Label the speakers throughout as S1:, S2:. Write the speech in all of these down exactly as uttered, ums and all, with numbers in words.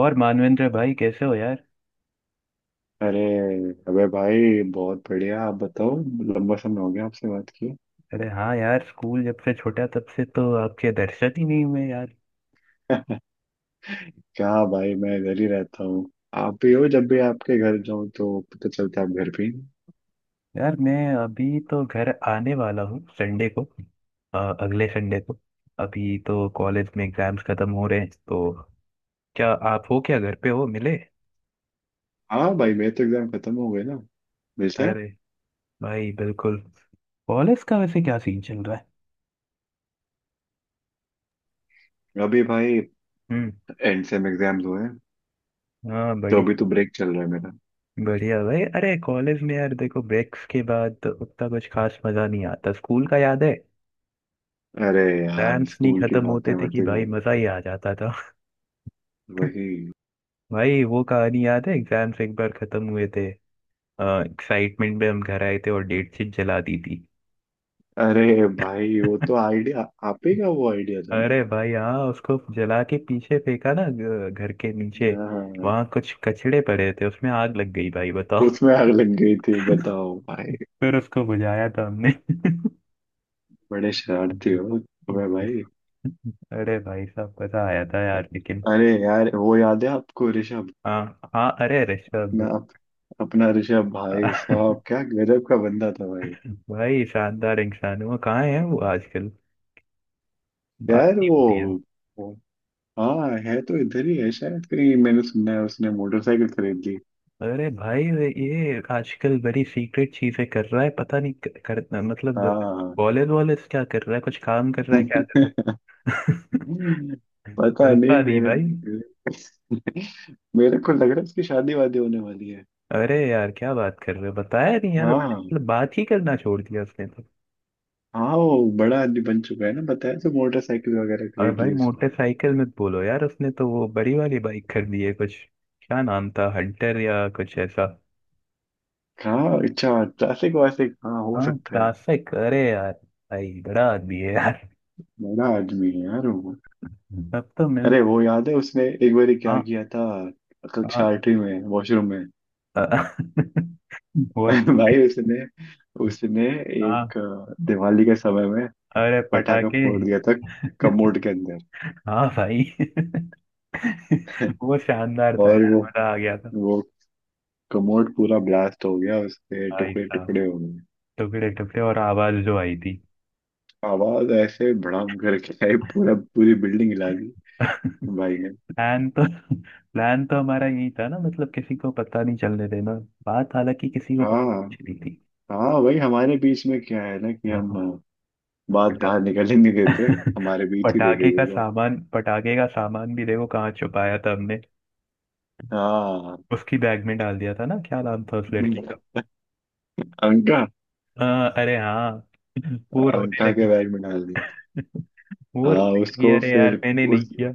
S1: और मानवेंद्र भाई कैसे हो यार।
S2: अरे अबे भाई बहुत बढ़िया। आप बताओ। लंबा समय हो गया आपसे बात किए।
S1: अरे हाँ यार, स्कूल जब से छोटा तब से तो आपके दर्शन ही नहीं हुए यार।
S2: क्या भाई, मैं घर ही रहता हूँ। आप भी हो, जब भी आपके घर जाऊँ तो पता चलता है आप घर भी हैं।
S1: यार मैं अभी तो घर आने वाला हूँ संडे को। अ, अगले संडे को। अभी तो कॉलेज में एग्जाम्स खत्म हो रहे हैं तो क्या आप हो, क्या घर पे हो, मिले।
S2: हाँ भाई, मेरे तो एग्जाम खत्म हो गए ना, मिलते हैं।
S1: अरे भाई बिल्कुल। कॉलेज का वैसे क्या सीन चल रहा है।
S2: अभी भाई
S1: हम्म।
S2: एंड सेम एग्जाम्स हुए हैं,
S1: हाँ
S2: तो अभी
S1: बढ़िया।
S2: तो ब्रेक चल रहा है मेरा।
S1: बढ़िया भाई, अरे कॉलेज में यार देखो ब्रेक्स के बाद उतना कुछ खास मजा नहीं आता, स्कूल का याद है।
S2: अरे यार,
S1: एग्जाम्स नहीं
S2: स्कूल की
S1: खत्म होते
S2: बातें
S1: थे
S2: मत
S1: कि
S2: ही
S1: भाई
S2: करो।
S1: मजा ही आ जाता था।
S2: वही।
S1: भाई वो कहानी याद है, एग्जाम्स एक बार खत्म हुए थे। एक्साइटमेंट में हम घर आए थे और डेट शीट जला दी थी।
S2: अरे भाई वो तो आइडिया आप ही का वो आइडिया था
S1: अरे भाई हाँ, उसको जला के पीछे फेंका ना घ- घर के नीचे।
S2: ना। हाँ,
S1: वहां कुछ कचड़े पड़े थे, उसमें आग लग गई भाई बताओ।
S2: उसमें आग लग गई थी बताओ भाई।
S1: फिर उसको बुझाया था हमने।
S2: बड़े शरारती हो। वह भाई।
S1: अरे भाई साहब मजा आया था यार लेकिन।
S2: अरे यार, वो याद है आपको ऋषभ?
S1: हाँ हाँ, अरे ऋषभ।
S2: अपना अपना ऋषभ भाई साहब क्या गजब का बंदा था भाई।
S1: भाई शानदार इंसान है वो। कहाँ है वो आजकल, बात
S2: यार
S1: नहीं
S2: वो
S1: होती है।
S2: वो- हाँ, है तो इधर ही है शायद। कहीं मैंने सुना है उसने मोटरसाइकिल खरीद ली।
S1: अरे भाई ये आजकल बड़ी सीक्रेट चीजें कर रहा है, पता नहीं कर, कर मतलब
S2: हाँ।
S1: कॉलेज वॉलेज क्या कर रहा है, कुछ काम कर रहा है क्या कर रहा है।
S2: पता नहीं,
S1: मिलता नहीं
S2: मेरे
S1: भाई।
S2: मेरे को लग रहा है उसकी शादी वादी होने वाली है।
S1: अरे यार क्या बात कर रहे हो, बताया नहीं यार उसने,
S2: हाँ।
S1: मतलब बात ही करना छोड़ दिया उसने तो।
S2: हाँ, वो बड़ा आदमी बन चुका है ना, बताया तो मोटरसाइकिल वगैरह
S1: और
S2: खरीद
S1: भाई
S2: ली।
S1: मोटरसाइकिल मत बोलो यार, उसने तो वो बड़ी वाली बाइक खरीदी है कुछ। क्या नाम था, हंटर या कुछ ऐसा।
S2: हाँ अच्छा। ट्रैफिक वैफिक, हाँ, हो
S1: हाँ
S2: सकता है।
S1: क्लासिक, अरे यार भाई बड़ा आदमी है यार।
S2: बड़ा आदमी है यार वो।
S1: तब तो
S2: अरे
S1: मिलता।
S2: वो याद है उसने एक बार क्या
S1: हाँ
S2: किया था? कक्षा
S1: हाँ।
S2: आठवीं में वॉशरूम में।
S1: अ- वो।
S2: भाई उसने उसने
S1: हाँ,
S2: एक अ, दिवाली के समय में
S1: अरे
S2: पटाखा
S1: पटाखे।
S2: फोड़ दिया था कमोड के अंदर।
S1: हाँ भाई। वो शानदार था
S2: और
S1: यार,
S2: वो
S1: मजा आ गया था।
S2: वो कमोड पूरा ब्लास्ट हो गया, उसके
S1: भाई
S2: टुकड़े
S1: साहब,
S2: टुकड़े हो गए।
S1: टुकड़े टुकड़े और आवाज जो आई थी।
S2: आवाज ऐसे भड़ाम करके आई, पूरा पूरी बिल्डिंग हिला दी
S1: प्लान
S2: भाई ने।
S1: तो प्लान तो हमारा यही था ना, मतलब किसी को पता नहीं चलने देना। बात हालांकि किसी को पता
S2: हाँ।
S1: नहीं चली थी।
S2: हाँ भाई, हमारे बीच में क्या है ना, कि हम
S1: हाँ,
S2: बात बाहर निकलने नहीं देते, हमारे बीच ही रह
S1: पटाखे
S2: गई
S1: का
S2: एक बार।
S1: सामान पटाखे का सामान भी देखो कहाँ छुपाया था हमने।
S2: हाँ।
S1: उसकी बैग में डाल दिया था ना, क्या नाम था उस लड़की का।
S2: अंका।
S1: हाँ, अरे हाँ। वो रोने
S2: अंका के
S1: लगी।
S2: बैग में डाल दिया था।
S1: वो
S2: हाँ,
S1: रोने लगी,
S2: उसको
S1: अरे यार
S2: फिर।
S1: मैंने नहीं
S2: उस,
S1: किया।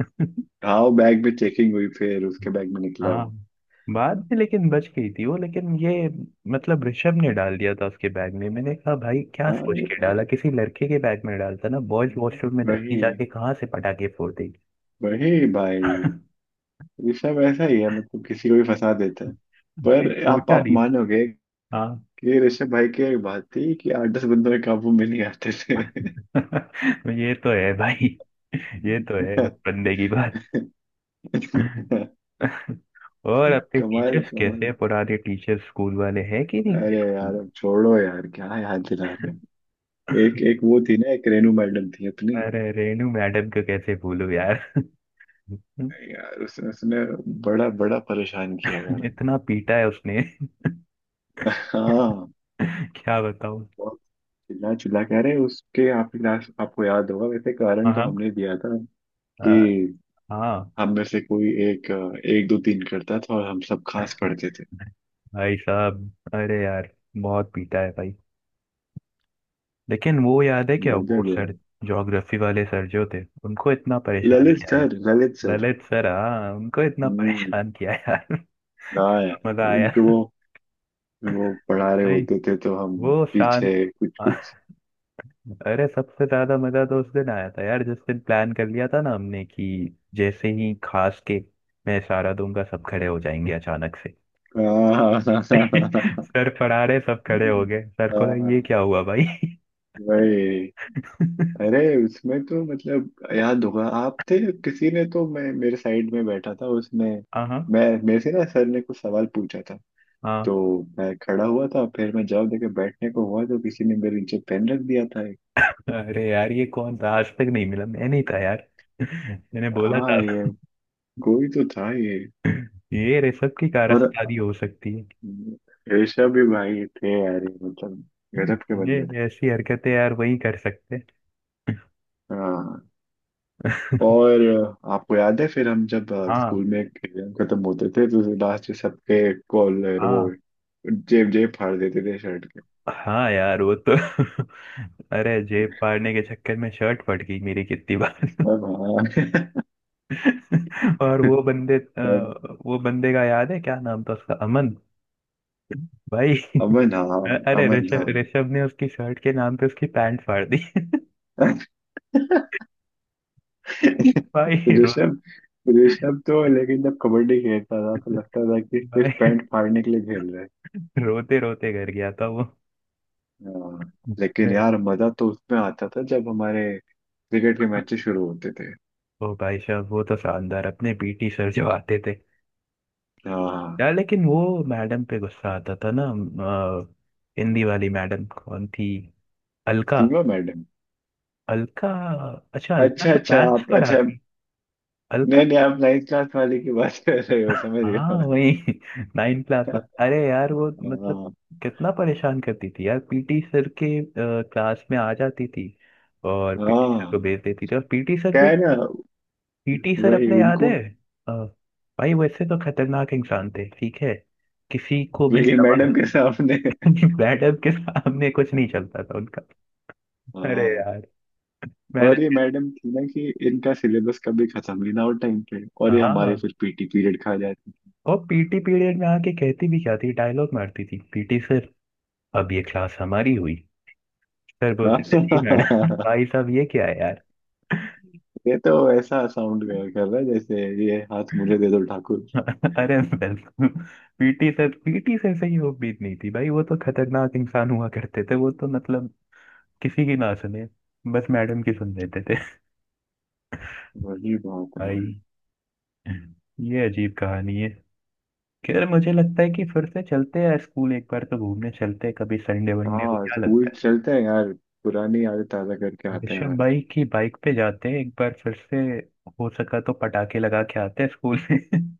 S2: हाँ, वो बैग में चेकिंग हुई, फिर उसके बैग में निकला
S1: हाँ
S2: वो।
S1: बाद में लेकिन बच गई थी वो, लेकिन ये मतलब ऋषभ ने डाल दिया था उसके बैग में। मैंने कहा भाई क्या सोच
S2: हाँ।
S1: के डाला, किसी लड़के के बैग में डालता ना, बॉयज वॉशरूम में लड़की
S2: वही
S1: जाके कहाँ से पटाखे फोड़ देगी।
S2: वही भाई, ऋषभ ऐसा ही है, मतलब किसी को भी फंसा देता है। पर आप
S1: सोचा
S2: आप
S1: नहीं।
S2: मानोगे
S1: हाँ।
S2: कि ऋषभ भाई की एक बात थी कि आठ दस बंदों के काबू में नहीं आते थे।
S1: ये तो है भाई, ये तो है बंदे की बात। और आपके
S2: कमाल
S1: टीचर्स कैसे
S2: कमाल।
S1: हैं? पुराने टीचर्स स्कूल वाले हैं कि नहीं अपने
S2: अरे
S1: स्कूल
S2: यार
S1: में?
S2: अब छोड़ो यार, क्या याद दिला रहे हो। एक एक वो थी ना, एक रेनू मैडम थी अपनी।
S1: अरे रेनू मैडम को कैसे भूलूं यार।
S2: यार उसने उसने बड़ा बड़ा परेशान किया यार हमको।
S1: इतना पीटा है उसने।
S2: हाँ।
S1: क्या बताऊं।
S2: बहुत चिल्ला चिल्ला कह रहे हैं उसके। आप क्लास आपको याद होगा, वैसे कारण तो
S1: हाँ।
S2: हमने दिया था
S1: अ,
S2: कि
S1: हाँ
S2: हम में से कोई एक, अ, एक दो तीन करता था और हम सब खास पढ़ते थे।
S1: भाई साहब, अरे यार बहुत पीटा है भाई। लेकिन वो याद है क्या, वो
S2: गजब यार।
S1: सर ज्योग्राफी वाले सर जो थे उनको इतना परेशान
S2: ललित
S1: किया।
S2: Sir, Lalit sir.
S1: Lalit sir, हाँ उनको इतना
S2: हम्म।
S1: परेशान किया यार।
S2: हाँ
S1: कितना
S2: यार,
S1: मजा आया।
S2: उनके वो वो पढ़ा रहे
S1: नहीं
S2: होते थे तो हम
S1: वो शांत।
S2: पीछे कुछ कुछ।
S1: अरे सबसे ज्यादा मजा तो उस दिन आया था यार जिस दिन प्लान कर लिया था ना हमने कि जैसे ही खास के मैं इशारा दूंगा सब खड़े हो जाएंगे अचानक से।
S2: हाँ। हाँ हाँ हाँ
S1: सर पढ़ा रहे, सब खड़े हो गए, सर
S2: हाँ,
S1: को लगा ये
S2: हाँ।
S1: क्या हुआ भाई।
S2: वही। अरे उसमें तो मतलब याद होगा, आप थे। किसी ने तो, मैं मेरे साइड में बैठा था उसने,
S1: हाँ हाँ
S2: मैं मेरे से ना, सर ने कुछ सवाल पूछा था
S1: हाँ।
S2: तो मैं खड़ा हुआ था, फिर मैं जवाब देके बैठने को हुआ तो किसी ने मेरे नीचे पेन रख दिया था एक।
S1: अरे यार ये कौन था आज तक नहीं मिला, मैं नहीं था यार। मैंने बोला था।
S2: हाँ ये, कोई तो था ये।
S1: ये रेशम की
S2: और
S1: कारस्तानी हो सकती है।
S2: ऋषभ भी भाई थे यार, ये मतलब गजब के
S1: ये
S2: बंदे थे।
S1: ये ऐसी हरकतें यार वही कर सकते हैं।
S2: हाँ। और आपको याद है फिर हम जब अ,
S1: हाँ
S2: स्कूल में एग्जाम खत्म होते थे, तो लास्ट में सबके कॉलर, वो
S1: हाँ।
S2: जेब जेब फाड़ देते थे शर्ट के।
S1: हाँ यार वो तो। अरे जेब फाड़ने के चक्कर में शर्ट फट गई मेरी कितनी बार।
S2: सब हाँ।
S1: और वो बंदे
S2: सब।
S1: अ, वो बंदे का याद है क्या नाम था उसका, अमन। भाई।
S2: अमन हाँ।
S1: अ- अरे
S2: अमन
S1: ऋषभ
S2: हाँ।
S1: ऋषभ ने उसकी शर्ट के नाम पे उसकी पैंट फाड़ दी। भाई रो,
S2: ऋषभ, ऋषभ तो लेकिन जब कबड्डी खेलता था तो लगता था कि
S1: भाई
S2: सिर्फ पैंट फाड़ने के लिए खेल रहे हैं।
S1: रोते रोते घर गया था वो।
S2: हाँ। लेकिन
S1: अरे
S2: यार मजा तो उसमें आता था जब हमारे क्रिकेट के मैचेस शुरू होते थे।
S1: ओ भाई साहब, वो तो शानदार अपने पीटी सर जो आते थे।
S2: हाँ।
S1: यार लेकिन वो मैडम पे गुस्सा आता था ना। अ, हिंदी वाली मैडम कौन थी, अलका।
S2: सीमा मैडम।
S1: अलका। अच्छा, अलका
S2: अच्छा
S1: तो
S2: अच्छा,
S1: मैथ्स
S2: आप अच्छा
S1: पढ़ाती। अलका।
S2: नहीं नहीं, आप नाइन्थ क्लास वाले की बात कर रहे हो, समझ गया
S1: हाँ
S2: मैं।
S1: वही, नाइन क्लास में। अरे यार वो मतलब
S2: हाँ।
S1: कितना परेशान करती थी यार, पीटी सर के क्लास में आ जाती थी और पीटी सर को
S2: हाँ
S1: भेज देती थी। और पीटी सर
S2: क्या
S1: भी,
S2: है ना।
S1: पीटी सर
S2: वही
S1: अपने याद है,
S2: उनको।
S1: अ, भाई वैसे तो खतरनाक इंसान थे, ठीक है किसी को भी
S2: ये
S1: दबा।
S2: मैडम के सामने।
S1: मैडम के सामने कुछ नहीं चलता था उनका। अरे
S2: हाँ।
S1: यार
S2: और ये
S1: मैडम।
S2: मैडम थी ना, कि इनका सिलेबस कभी खत्म ही ना हो टाइम पे, और ये हमारे
S1: हाँ
S2: फिर पीटी पीरियड खा जाती।
S1: और पीटी पीरियड में आके कहती भी क्या थी, डायलॉग मारती थी, पीटी सर अब ये क्लास हमारी हुई। सर
S2: हाँ।
S1: बोलते थे जी मैडम, भाई साहब ये क्या है यार।
S2: ये तो ऐसा साउंड कर कर रहा है जैसे ये, हाथ मुझे दे दो ठाकुर।
S1: अरे बिल्कुल। पीटी सर पीटी सर से ही उम्मीद नहीं थी भाई, वो तो खतरनाक इंसान हुआ करते थे, वो तो मतलब किसी की ना सुने, बस मैडम की सुन लेते थे।
S2: वही बात
S1: भाई
S2: है।
S1: ये अजीब कहानी है। खैर, मुझे लगता है कि फिर से चलते हैं स्कूल, एक बार तो घूमने चलते हैं कभी संडे वनडे को,
S2: हाँ,
S1: क्या
S2: स्कूल
S1: लगता
S2: चलते हैं यार, पुरानी यादें ताजा करके
S1: है
S2: आते हैं।
S1: ऋषभ भाई की बाइक पे जाते हैं एक बार फिर से। हो सका तो पटाखे लगा के आते हैं स्कूल में।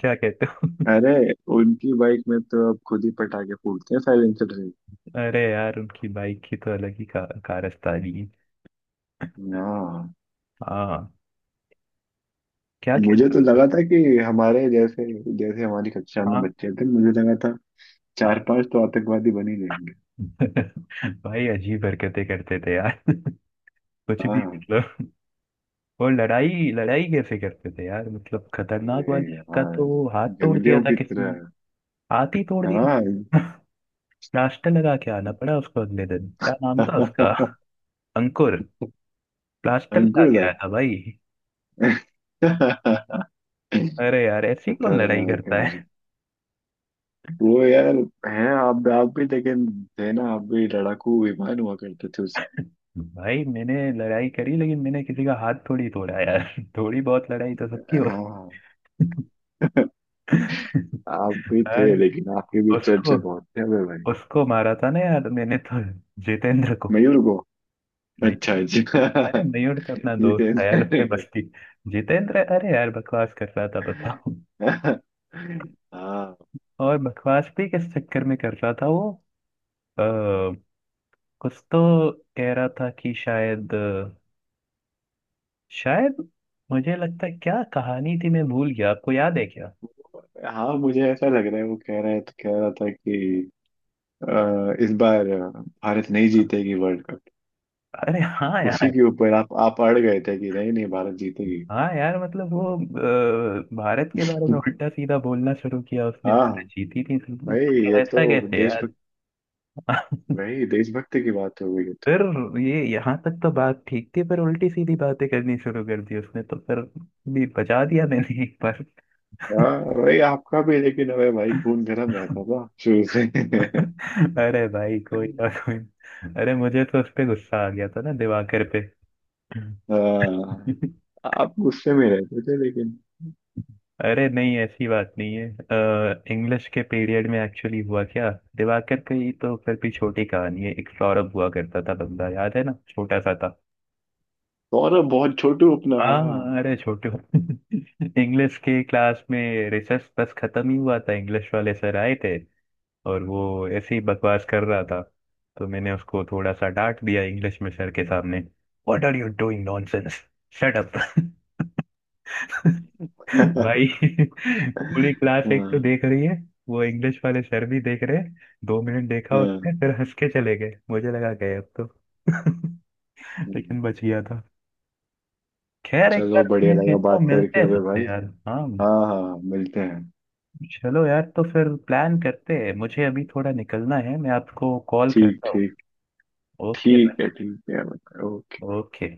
S1: क्या कहते हो।
S2: अरे उनकी बाइक में तो अब खुद ही पटाखे फूटते हैं साइलेंसर से।
S1: अरे यार उनकी बाइक की तो अलग ही का, कारस्तानी है।
S2: हाँ।
S1: हाँ। क्या
S2: मुझे
S1: कहते
S2: तो
S1: हो।
S2: लगा था कि हमारे जैसे, जैसे हमारी कक्षा में
S1: हाँ
S2: बच्चे थे, मुझे लगा था चार
S1: हाँ।
S2: पांच तो आतंकवादी बन ही जाएंगे।
S1: भाई अजीब हरकतें करते थे यार। कुछ भी
S2: हाँ।
S1: मतलब। और लड़ाई लड़ाई कैसे करते थे यार, मतलब खतरनाक वाली,
S2: ए,
S1: का
S2: हाँ,
S1: तो हाथ तोड़ दिया
S2: जंगलियों
S1: था
S2: की
S1: किसी ने,
S2: तरह।
S1: हाथी तोड़
S2: हाँ।
S1: दिया। प्लास्टर लगा के आना पड़ा उसको अगले दिन, क्या नाम था उसका, अंकुर। प्लास्टर लगा के
S2: अंकुरदाय।
S1: आया था भाई। अरे यार ऐसी कौन लड़ाई
S2: खतरनाक
S1: करता
S2: यार।
S1: है।
S2: वो यार है, आप आप भी लेकिन थे ना, आप भी लड़ाकू विमान हुआ करते थे उस
S1: भाई मैंने लड़ाई करी लेकिन मैंने किसी का हाथ थोड़ी तोड़ा यार। थोड़ी बहुत लड़ाई तो सबकी हो।
S2: हाँ। आप भी थे
S1: अरे
S2: लेकिन आपके भी चर्चे
S1: उसको
S2: बहुत थे अबे भाई।
S1: उसको मारा था ना यार मैंने तो, जितेंद्र को।
S2: मयूर को। अच्छा
S1: मयूर। अरे
S2: अच्छा।
S1: मयूर तो अपना दोस्त था यार,
S2: जितेंद्र
S1: उसमें
S2: को।
S1: मस्ती। जितेंद्र, अरे यार बकवास कर रहा था बताओ।
S2: हाँ।
S1: और बकवास भी किस चक्कर में कर रहा था वो, आ, कुछ तो कह रहा था कि शायद शायद मुझे लगता है, क्या कहानी थी मैं भूल गया, आपको याद है क्या।
S2: हाँ, मुझे ऐसा लग रहा है वो कह रहा है, तो कह रहा था कि अ, इस बार भारत नहीं जीतेगी वर्ल्ड कप।
S1: अरे हाँ
S2: उसी
S1: यार।
S2: के ऊपर आप आप अड़ गए थे कि नहीं नहीं भारत जीतेगी।
S1: हाँ यार मतलब वो, अ, भारत के बारे में उल्टा सीधा बोलना शुरू किया उसने,
S2: हाँ
S1: भारत जीती थी,
S2: भाई, ये
S1: उसने
S2: तो
S1: ऐसा कैसे यार।
S2: देशभक्त। भाई, देशभक्त की बात हो गई ये तो।
S1: फिर ये यहाँ तक तो बात ठीक थी, पर उल्टी सीधी बातें करनी शुरू कर दी उसने तो फिर भी बचा दिया मैंने एक बार।
S2: हाँ भाई आपका भी, लेकिन अबे भाई खून गर्म रहता था शुरू से।
S1: अरे भाई कोई ना, कोई ना। अरे मुझे तो उस पे गुस्सा आ गया था ना, दिवाकर पे।
S2: हाँ। आप गुस्से में रहते थे लेकिन।
S1: अरे नहीं ऐसी बात नहीं है। इंग्लिश के पीरियड में एक्चुअली हुआ क्या, दिवाकर की तो फिर भी छोटी कहानी है, एक सौरभ हुआ करता था बंदा, याद है ना, छोटा सा था।
S2: सौरभ बहुत छोटू अपना, हाँ।
S1: हाँ, अरे छोटू। इंग्लिश के क्लास में रिसर्च बस खत्म ही हुआ था, इंग्लिश वाले सर आए थे और वो ऐसे ही बकवास कर रहा था, तो मैंने उसको थोड़ा सा डांट दिया इंग्लिश में सर के सामने। What are you doing nonsense, shut up.
S2: हाँ
S1: भाई पूरी क्लास एक तो देख रही है, वो इंग्लिश वाले सर भी देख रहे हैं। दो मिनट देखा उसने,
S2: हाँ।
S1: फिर हंस के चले गए, मुझे लगा गए अब तो।
S2: हम्म।
S1: लेकिन बच गया था। खैर एक
S2: चलो,
S1: बार
S2: बढ़िया
S1: मैं
S2: लगा
S1: कहता हूँ
S2: बात
S1: मिलते
S2: करके
S1: हैं
S2: अबे
S1: सबसे
S2: भाई।
S1: यार। हाँ
S2: हाँ हाँ हाँ, मिलते हैं।
S1: चलो यार, तो फिर प्लान करते हैं, मुझे अभी थोड़ा निकलना है, मैं आपको कॉल
S2: ठीक
S1: करता हूँ।
S2: ठीक।
S1: ओके।
S2: ठीक है, ठीक है। ओके।
S1: ओके।